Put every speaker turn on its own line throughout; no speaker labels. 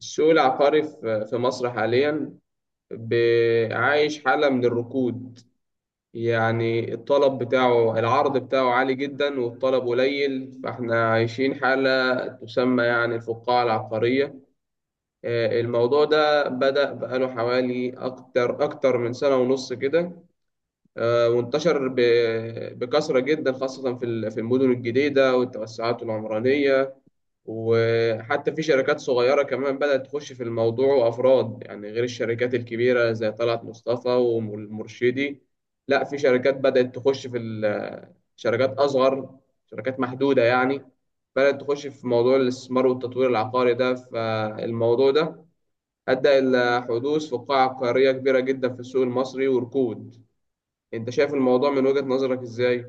السوق العقاري في مصر حاليا عايش حالة من الركود. يعني الطلب بتاعه، العرض بتاعه عالي جدا والطلب قليل، فاحنا عايشين حالة تسمى يعني الفقاعة العقارية. الموضوع ده بدأ بقاله حوالي أكتر من سنة ونص كده. وانتشر بكثرة جدا، خاصة في في المدن الجديدة والتوسعات العمرانية. وحتى في شركات صغيرة كمان بدأت تخش في الموضوع، وأفراد يعني غير الشركات الكبيرة زي طلعت مصطفى والمرشدي. لا، في شركات بدأت تخش في شركات أصغر، شركات محدودة يعني، بدأت تخش في موضوع الاستثمار والتطوير العقاري ده. فالموضوع ده أدى إلى حدوث فقاعة عقارية كبيرة جدا في السوق المصري وركود. أنت شايف الموضوع من وجهة نظرك إزاي؟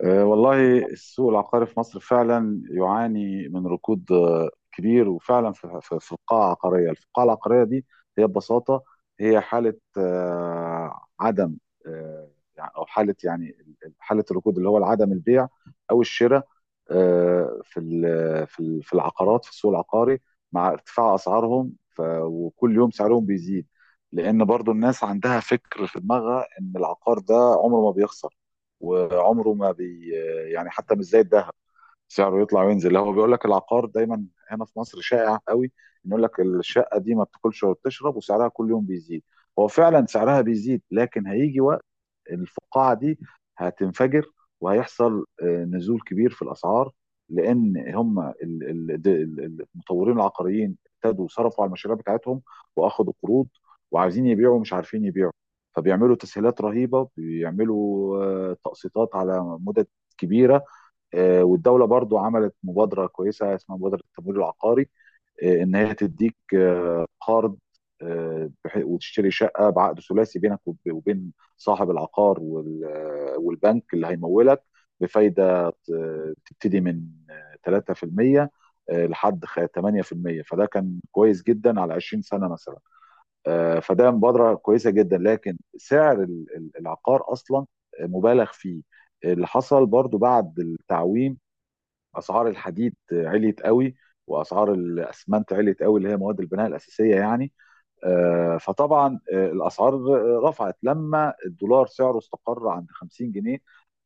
والله السوق العقاري في مصر فعلا يعاني من ركود كبير، وفعلا في القاعة العقارية. القاعة العقارية دي هي ببساطة، هي حالة عدم، أه، أو حالة يعني حالة الركود اللي هو عدم البيع أو الشراء في العقارات في السوق العقاري، مع ارتفاع أسعارهم. وكل يوم سعرهم بيزيد، لأن برضو الناس عندها فكر في دماغها إن العقار ده عمره ما بيخسر. وعمره ما بي يعني حتى مش زي الذهب سعره يطلع وينزل، هو بيقول لك العقار دايما. هنا في مصر شائع قوي انه يقول لك الشقه دي ما بتاكلش ولا بتشرب وسعرها كل يوم بيزيد. هو فعلا سعرها بيزيد، لكن هيجي وقت الفقاعه دي هتنفجر وهيحصل نزول كبير في الاسعار، لان هم المطورين العقاريين ابتدوا صرفوا على المشاريع بتاعتهم، واخدوا قروض، وعايزين يبيعوا مش عارفين يبيعوا، فبيعملوا تسهيلات رهيبه، بيعملوا تقسيطات على مدد كبيره. والدوله برضو عملت مبادره كويسه اسمها مبادره التمويل العقاري، ان هي تديك قرض، وتشتري شقه بعقد ثلاثي بينك وبين صاحب العقار والبنك اللي هيمولك، بفايده تبتدي من 3% لحد 8%. فده كان كويس جدا على 20 سنه مثلا. فده مبادره كويسه جدا، لكن سعر العقار اصلا مبالغ فيه. اللي حصل برضو بعد التعويم، اسعار الحديد عليت قوي، واسعار الاسمنت عليت قوي، اللي هي مواد البناء الاساسيه يعني. فطبعا الاسعار رفعت لما الدولار سعره استقر عند 50 جنيه.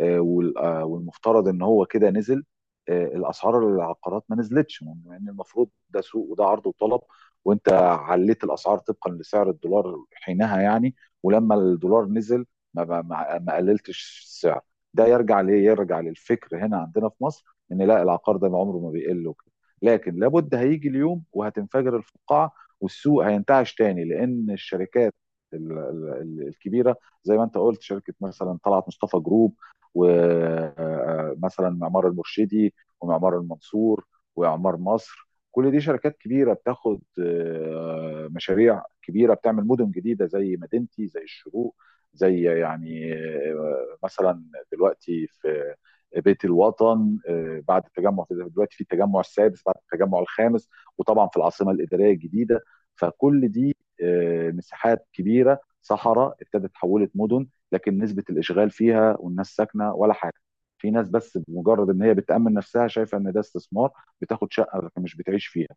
والمفترض ان هو كده نزل. الاسعار، العقارات، ما نزلتش، مع ان المفروض ده سوق وده عرض وطلب، وانت عليت الاسعار طبقا لسعر الدولار حينها يعني. ولما الدولار نزل ما ما ما ما قللتش السعر. ده يرجع ليه؟ يرجع للفكر هنا عندنا في مصر ان لا، العقار ده عمره ما بيقل وكده. لكن لابد هيجي اليوم وهتنفجر الفقاعه والسوق هينتعش تاني، لان الشركات الكبيره، زي ما انت قلت، شركه مثلا طلعت مصطفى جروب، ومثلا معمار المرشدي، ومعمار المنصور، واعمار مصر، كل دي شركات كبيره بتاخد مشاريع كبيره، بتعمل مدن جديده زي مدينتي، زي الشروق، زي يعني مثلا دلوقتي في بيت الوطن. بعد التجمع، دلوقتي في التجمع السادس بعد التجمع الخامس، وطبعا في العاصمه الاداريه الجديده. فكل دي مساحات كبيره صحراء ابتدت تحولت مدن. لكن نسبه الاشغال فيها والناس ساكنه ولا حاجه، في ناس بس بمجرد ان هي بتامن نفسها شايفه ان ده استثمار، بتاخد شقه لكن مش بتعيش فيها،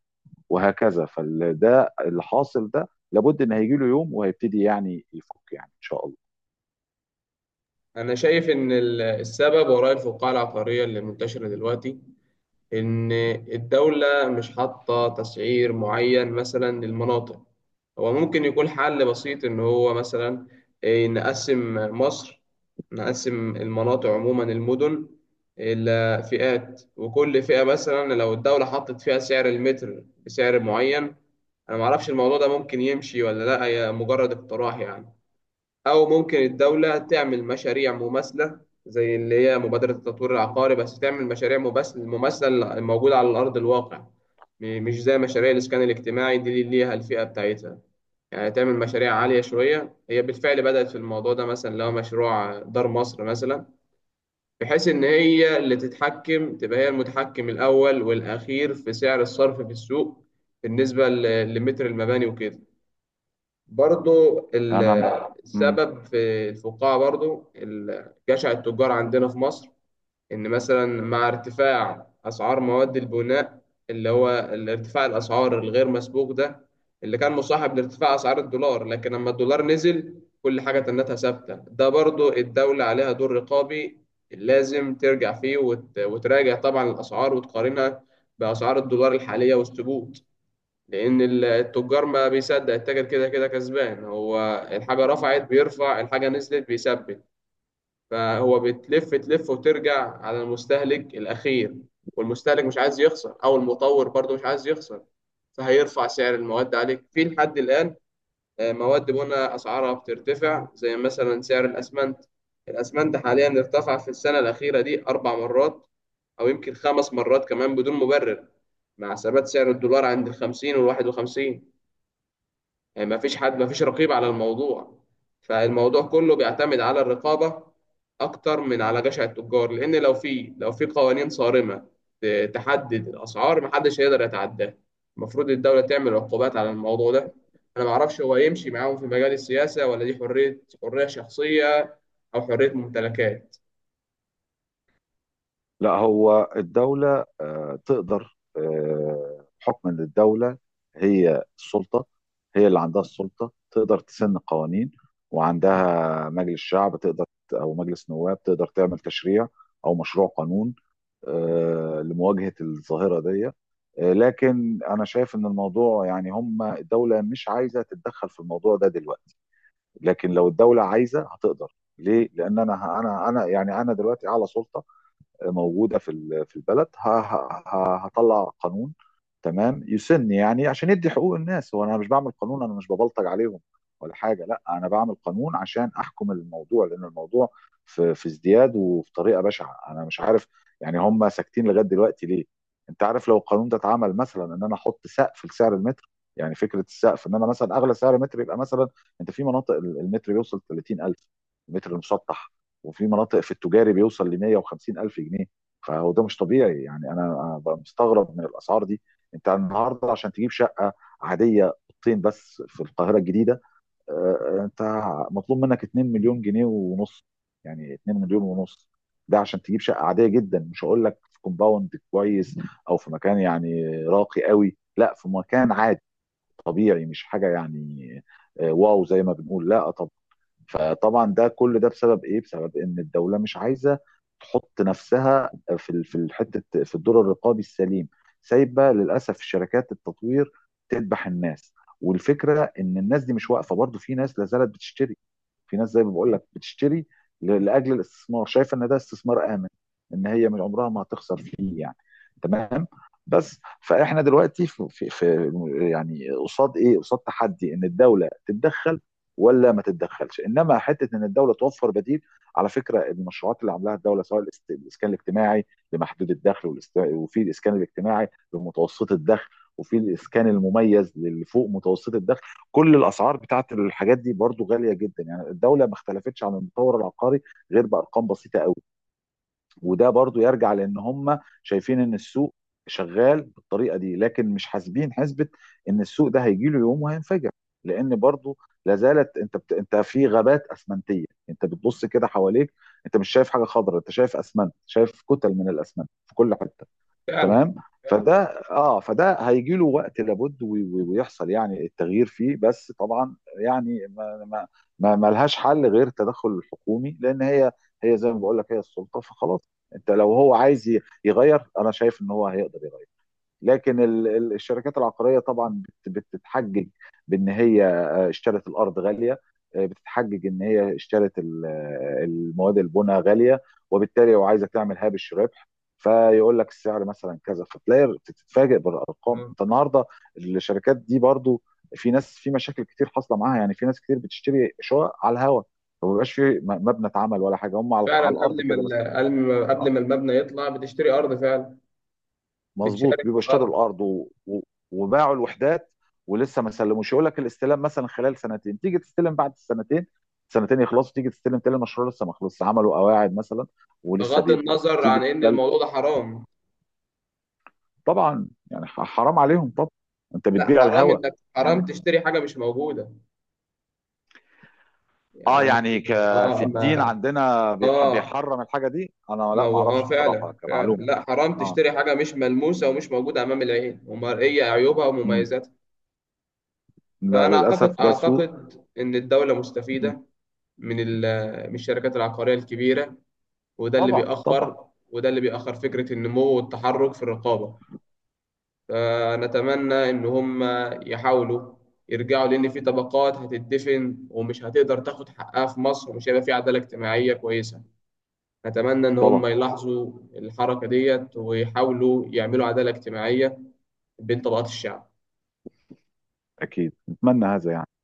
وهكذا. فده اللي حاصل، ده لابد ان هيجي له يوم وهيبتدي يعني يفك يعني ان شاء الله.
أنا شايف إن السبب وراء الفقاعة العقارية اللي منتشرة دلوقتي إن الدولة مش حاطة تسعير معين مثلا للمناطق. هو ممكن يكون حل بسيط إن هو مثلا نقسم مصر، نقسم المناطق عموما المدن إلى فئات، وكل فئة مثلا لو الدولة حطت فيها سعر المتر بسعر معين. أنا معرفش الموضوع ده ممكن يمشي ولا لأ، هي مجرد اقتراح يعني. أو ممكن الدولة تعمل مشاريع مماثلة زي اللي هي مبادرة التطوير العقاري، بس تعمل مشاريع مماثلة موجودة على أرض الواقع. مش زي مشاريع الإسكان الاجتماعي دي اللي ليها الفئة بتاعتها، يعني تعمل مشاريع عالية شوية. هي بالفعل بدأت في الموضوع ده، مثلا لو مشروع دار مصر مثلا، بحيث إن هي اللي تتحكم، تبقى هي المتحكم الأول والأخير في سعر الصرف في السوق بالنسبة لمتر المباني وكده. برضو
انا
السبب في الفقاعة برضو جشع التجار عندنا في مصر، إن مثلا مع ارتفاع أسعار مواد البناء، اللي هو الارتفاع الأسعار الغير مسبوق ده اللي كان مصاحب لارتفاع أسعار الدولار. لكن لما الدولار نزل، كل حاجة تنتها ثابتة. ده برضو الدولة عليها دور رقابي، لازم ترجع فيه وتراجع طبعا الأسعار وتقارنها بأسعار الدولار الحالية وسط. لأن التجار، ما بيصدق التاجر كده كده كسبان، هو الحاجة رفعت بيرفع، الحاجة نزلت بيثبت. فهو بتلف تلف وترجع على المستهلك الأخير، والمستهلك مش عايز يخسر أو المطور برضه مش عايز يخسر، فهيرفع سعر المواد عليك في لحد الآن. مواد بنا أسعارها بترتفع، زي مثلا سعر الأسمنت. الأسمنت حاليا ارتفع في السنة الأخيرة دي أربع مرات أو يمكن خمس مرات كمان بدون مبرر، مع ثبات سعر الدولار عند 50 و51. يعني ما فيش حد، ما فيش رقيب على الموضوع، فالموضوع كله بيعتمد على الرقابة أكتر من على جشع التجار. لأن لو في قوانين صارمة تحدد الأسعار، محدش هيقدر يتعداها. المفروض الدولة تعمل عقوبات على الموضوع ده. أنا معرفش هو يمشي معاهم في مجال السياسة، ولا دي حرية، حرية شخصية أو حرية ممتلكات.
لا، هو الدولة تقدر. حكما للدولة، هي السلطة، هي اللي عندها السلطة تقدر تسن قوانين، وعندها مجلس شعب تقدر، أو مجلس نواب تقدر تعمل تشريع أو مشروع قانون لمواجهة الظاهرة دي. لكن أنا شايف إن الموضوع يعني هم الدولة مش عايزة تتدخل في الموضوع ده دلوقتي، لكن لو الدولة عايزة هتقدر. ليه؟ لأن أنا أنا أنا يعني أنا دلوقتي أعلى سلطة موجوده في في البلد، هطلع قانون تمام يسن، يعني عشان يدي حقوق الناس. هو انا مش بعمل قانون، انا مش ببلطج عليهم ولا حاجه، لا، انا بعمل قانون عشان احكم الموضوع، لان الموضوع في في ازدياد وفي طريقه بشعه. انا مش عارف يعني هم ساكتين لغايه دلوقتي ليه. انت عارف لو القانون ده اتعمل مثلا ان انا احط سقف لسعر المتر، يعني فكره السقف ان انا مثلا اغلى سعر متر يبقى مثلا، انت في مناطق المتر بيوصل 30,000، المتر المسطح، وفي مناطق في التجاري بيوصل ل 150 الف جنيه. فهو ده مش طبيعي يعني، انا بقى مستغرب من الاسعار دي. انت النهارده عشان تجيب شقه عاديه، اوضتين بس، في القاهره الجديده، انت مطلوب منك 2 مليون جنيه ونص، يعني 2 مليون ونص، ده عشان تجيب شقه عاديه جدا، مش هقول لك في كومباوند كويس او في مكان يعني راقي قوي، لا في مكان عادي طبيعي مش حاجه يعني. واو زي ما بنقول، لا. فطبعا ده كل ده بسبب ايه؟ بسبب ان الدوله مش عايزه تحط نفسها في في الحته، في الدور الرقابي السليم، سايبه للاسف شركات التطوير تذبح الناس. والفكره ان الناس دي مش واقفه، برضو في ناس لا زالت بتشتري، في ناس زي ما بقول لك بتشتري لاجل الاستثمار، شايفه ان ده استثمار امن ان هي من عمرها ما هتخسر فيه يعني. تمام. بس فاحنا دلوقتي في, في, في يعني قصاد ايه؟ قصاد تحدي ان الدوله تتدخل ولا ما تتدخلش، انما حته ان الدوله توفر بديل. على فكره المشروعات اللي عاملاها الدوله سواء الاسكان الاجتماعي لمحدود الدخل، وفي الاسكان الاجتماعي لمتوسط الدخل، وفي الاسكان المميز للي فوق متوسط الدخل، كل الاسعار بتاعت الحاجات دي برضو غاليه جدا، يعني الدوله ما اختلفتش عن المطور العقاري غير بارقام بسيطه قوي. وده برضو يرجع لان هم شايفين ان السوق شغال بالطريقه دي، لكن مش حاسبين حسبه ان السوق ده هيجي له يوم وهينفجر. لان برضو لا زالت انت في غابات اسمنتيه، انت بتبص كده حواليك انت مش شايف حاجه خضراء، انت شايف اسمنت، شايف كتل من الاسمنت في كل حته.
فعلا،
تمام.
فعلا.
فده اه، فده هيجي له وقت لابد، ويحصل يعني التغيير فيه. بس طبعا يعني ما ما ما ما لهاش حل غير التدخل الحكومي، لان هي هي زي ما بقول لك هي السلطه فخلاص. انت لو هو عايز يغير، انا شايف ان هو هيقدر يغير. لكن الشركات العقاريه طبعا بتتحجج بان هي اشترت الارض غاليه، بتتحجج ان هي اشترت المواد البناء غاليه، وبالتالي لو عايزه تعمل هامش ربح فيقول لك السعر مثلا كذا. فتلاقي بتتفاجئ بالارقام
آه.
انت النهارده. الشركات دي برضو، في ناس في مشاكل كتير حاصله معاها، يعني في ناس كتير بتشتري شقق على الهوا، ما بيبقاش في مبنى اتعمل ولا حاجه، هم على
فعلا،
على الارض
قبل ما
كده بس.
قبل ما المبنى يطلع بتشتري أرض فعلا،
مظبوط،
بتشارك في
بيبقوا اشتروا
الأرض.
الارض و... و... وباعوا الوحدات ولسه ما سلموش، يقول لك الاستلام مثلا خلال سنتين تيجي تستلم بعد السنتين، سنتين يخلصوا تيجي تستلم تلاقي المشروع لسه ما خلصش عملوا قواعد مثلا ولسه
بغض
بيبنوا
النظر
تيجي
عن إن
تتكلم.
الموضوع ده حرام.
طبعا يعني حرام عليهم طبعا، انت
لا،
بتبيع
حرام،
الهوى
انك
يعني.
حرام تشتري حاجه مش موجوده.
اه
يعني.
يعني ك... في
اه.
الدين
ما.
عندنا
اه،
بيحرم الحاجه دي، انا
ما
لا ما
هو، اه،
اعرفش بصراحه
فعلا، فعلا،
كمعلومه.
لا، حرام
اه.
تشتري حاجه مش ملموسه ومش موجوده امام العين، ومرئيه عيوبها
امم
ومميزاتها.
لا،
فانا
للاسف
اعتقد
ده سوء.
اعتقد ان الدوله
مم.
مستفيده من من الشركات العقاريه الكبيره. وده اللي
طبعا، طبعا،
بيأخر وده اللي بيأخر فكره النمو والتحرك في الرقابه. فنتمنى إن هم يحاولوا يرجعوا، لأن في طبقات هتدفن ومش هتقدر تاخد حقها في مصر، ومش هيبقى في عدالة اجتماعية كويسة. نتمنى إن هم
طبعا،
يلاحظوا الحركة ديت ويحاولوا يعملوا عدالة اجتماعية بين طبقات الشعب.
اكيد نتمنى هذا يعني.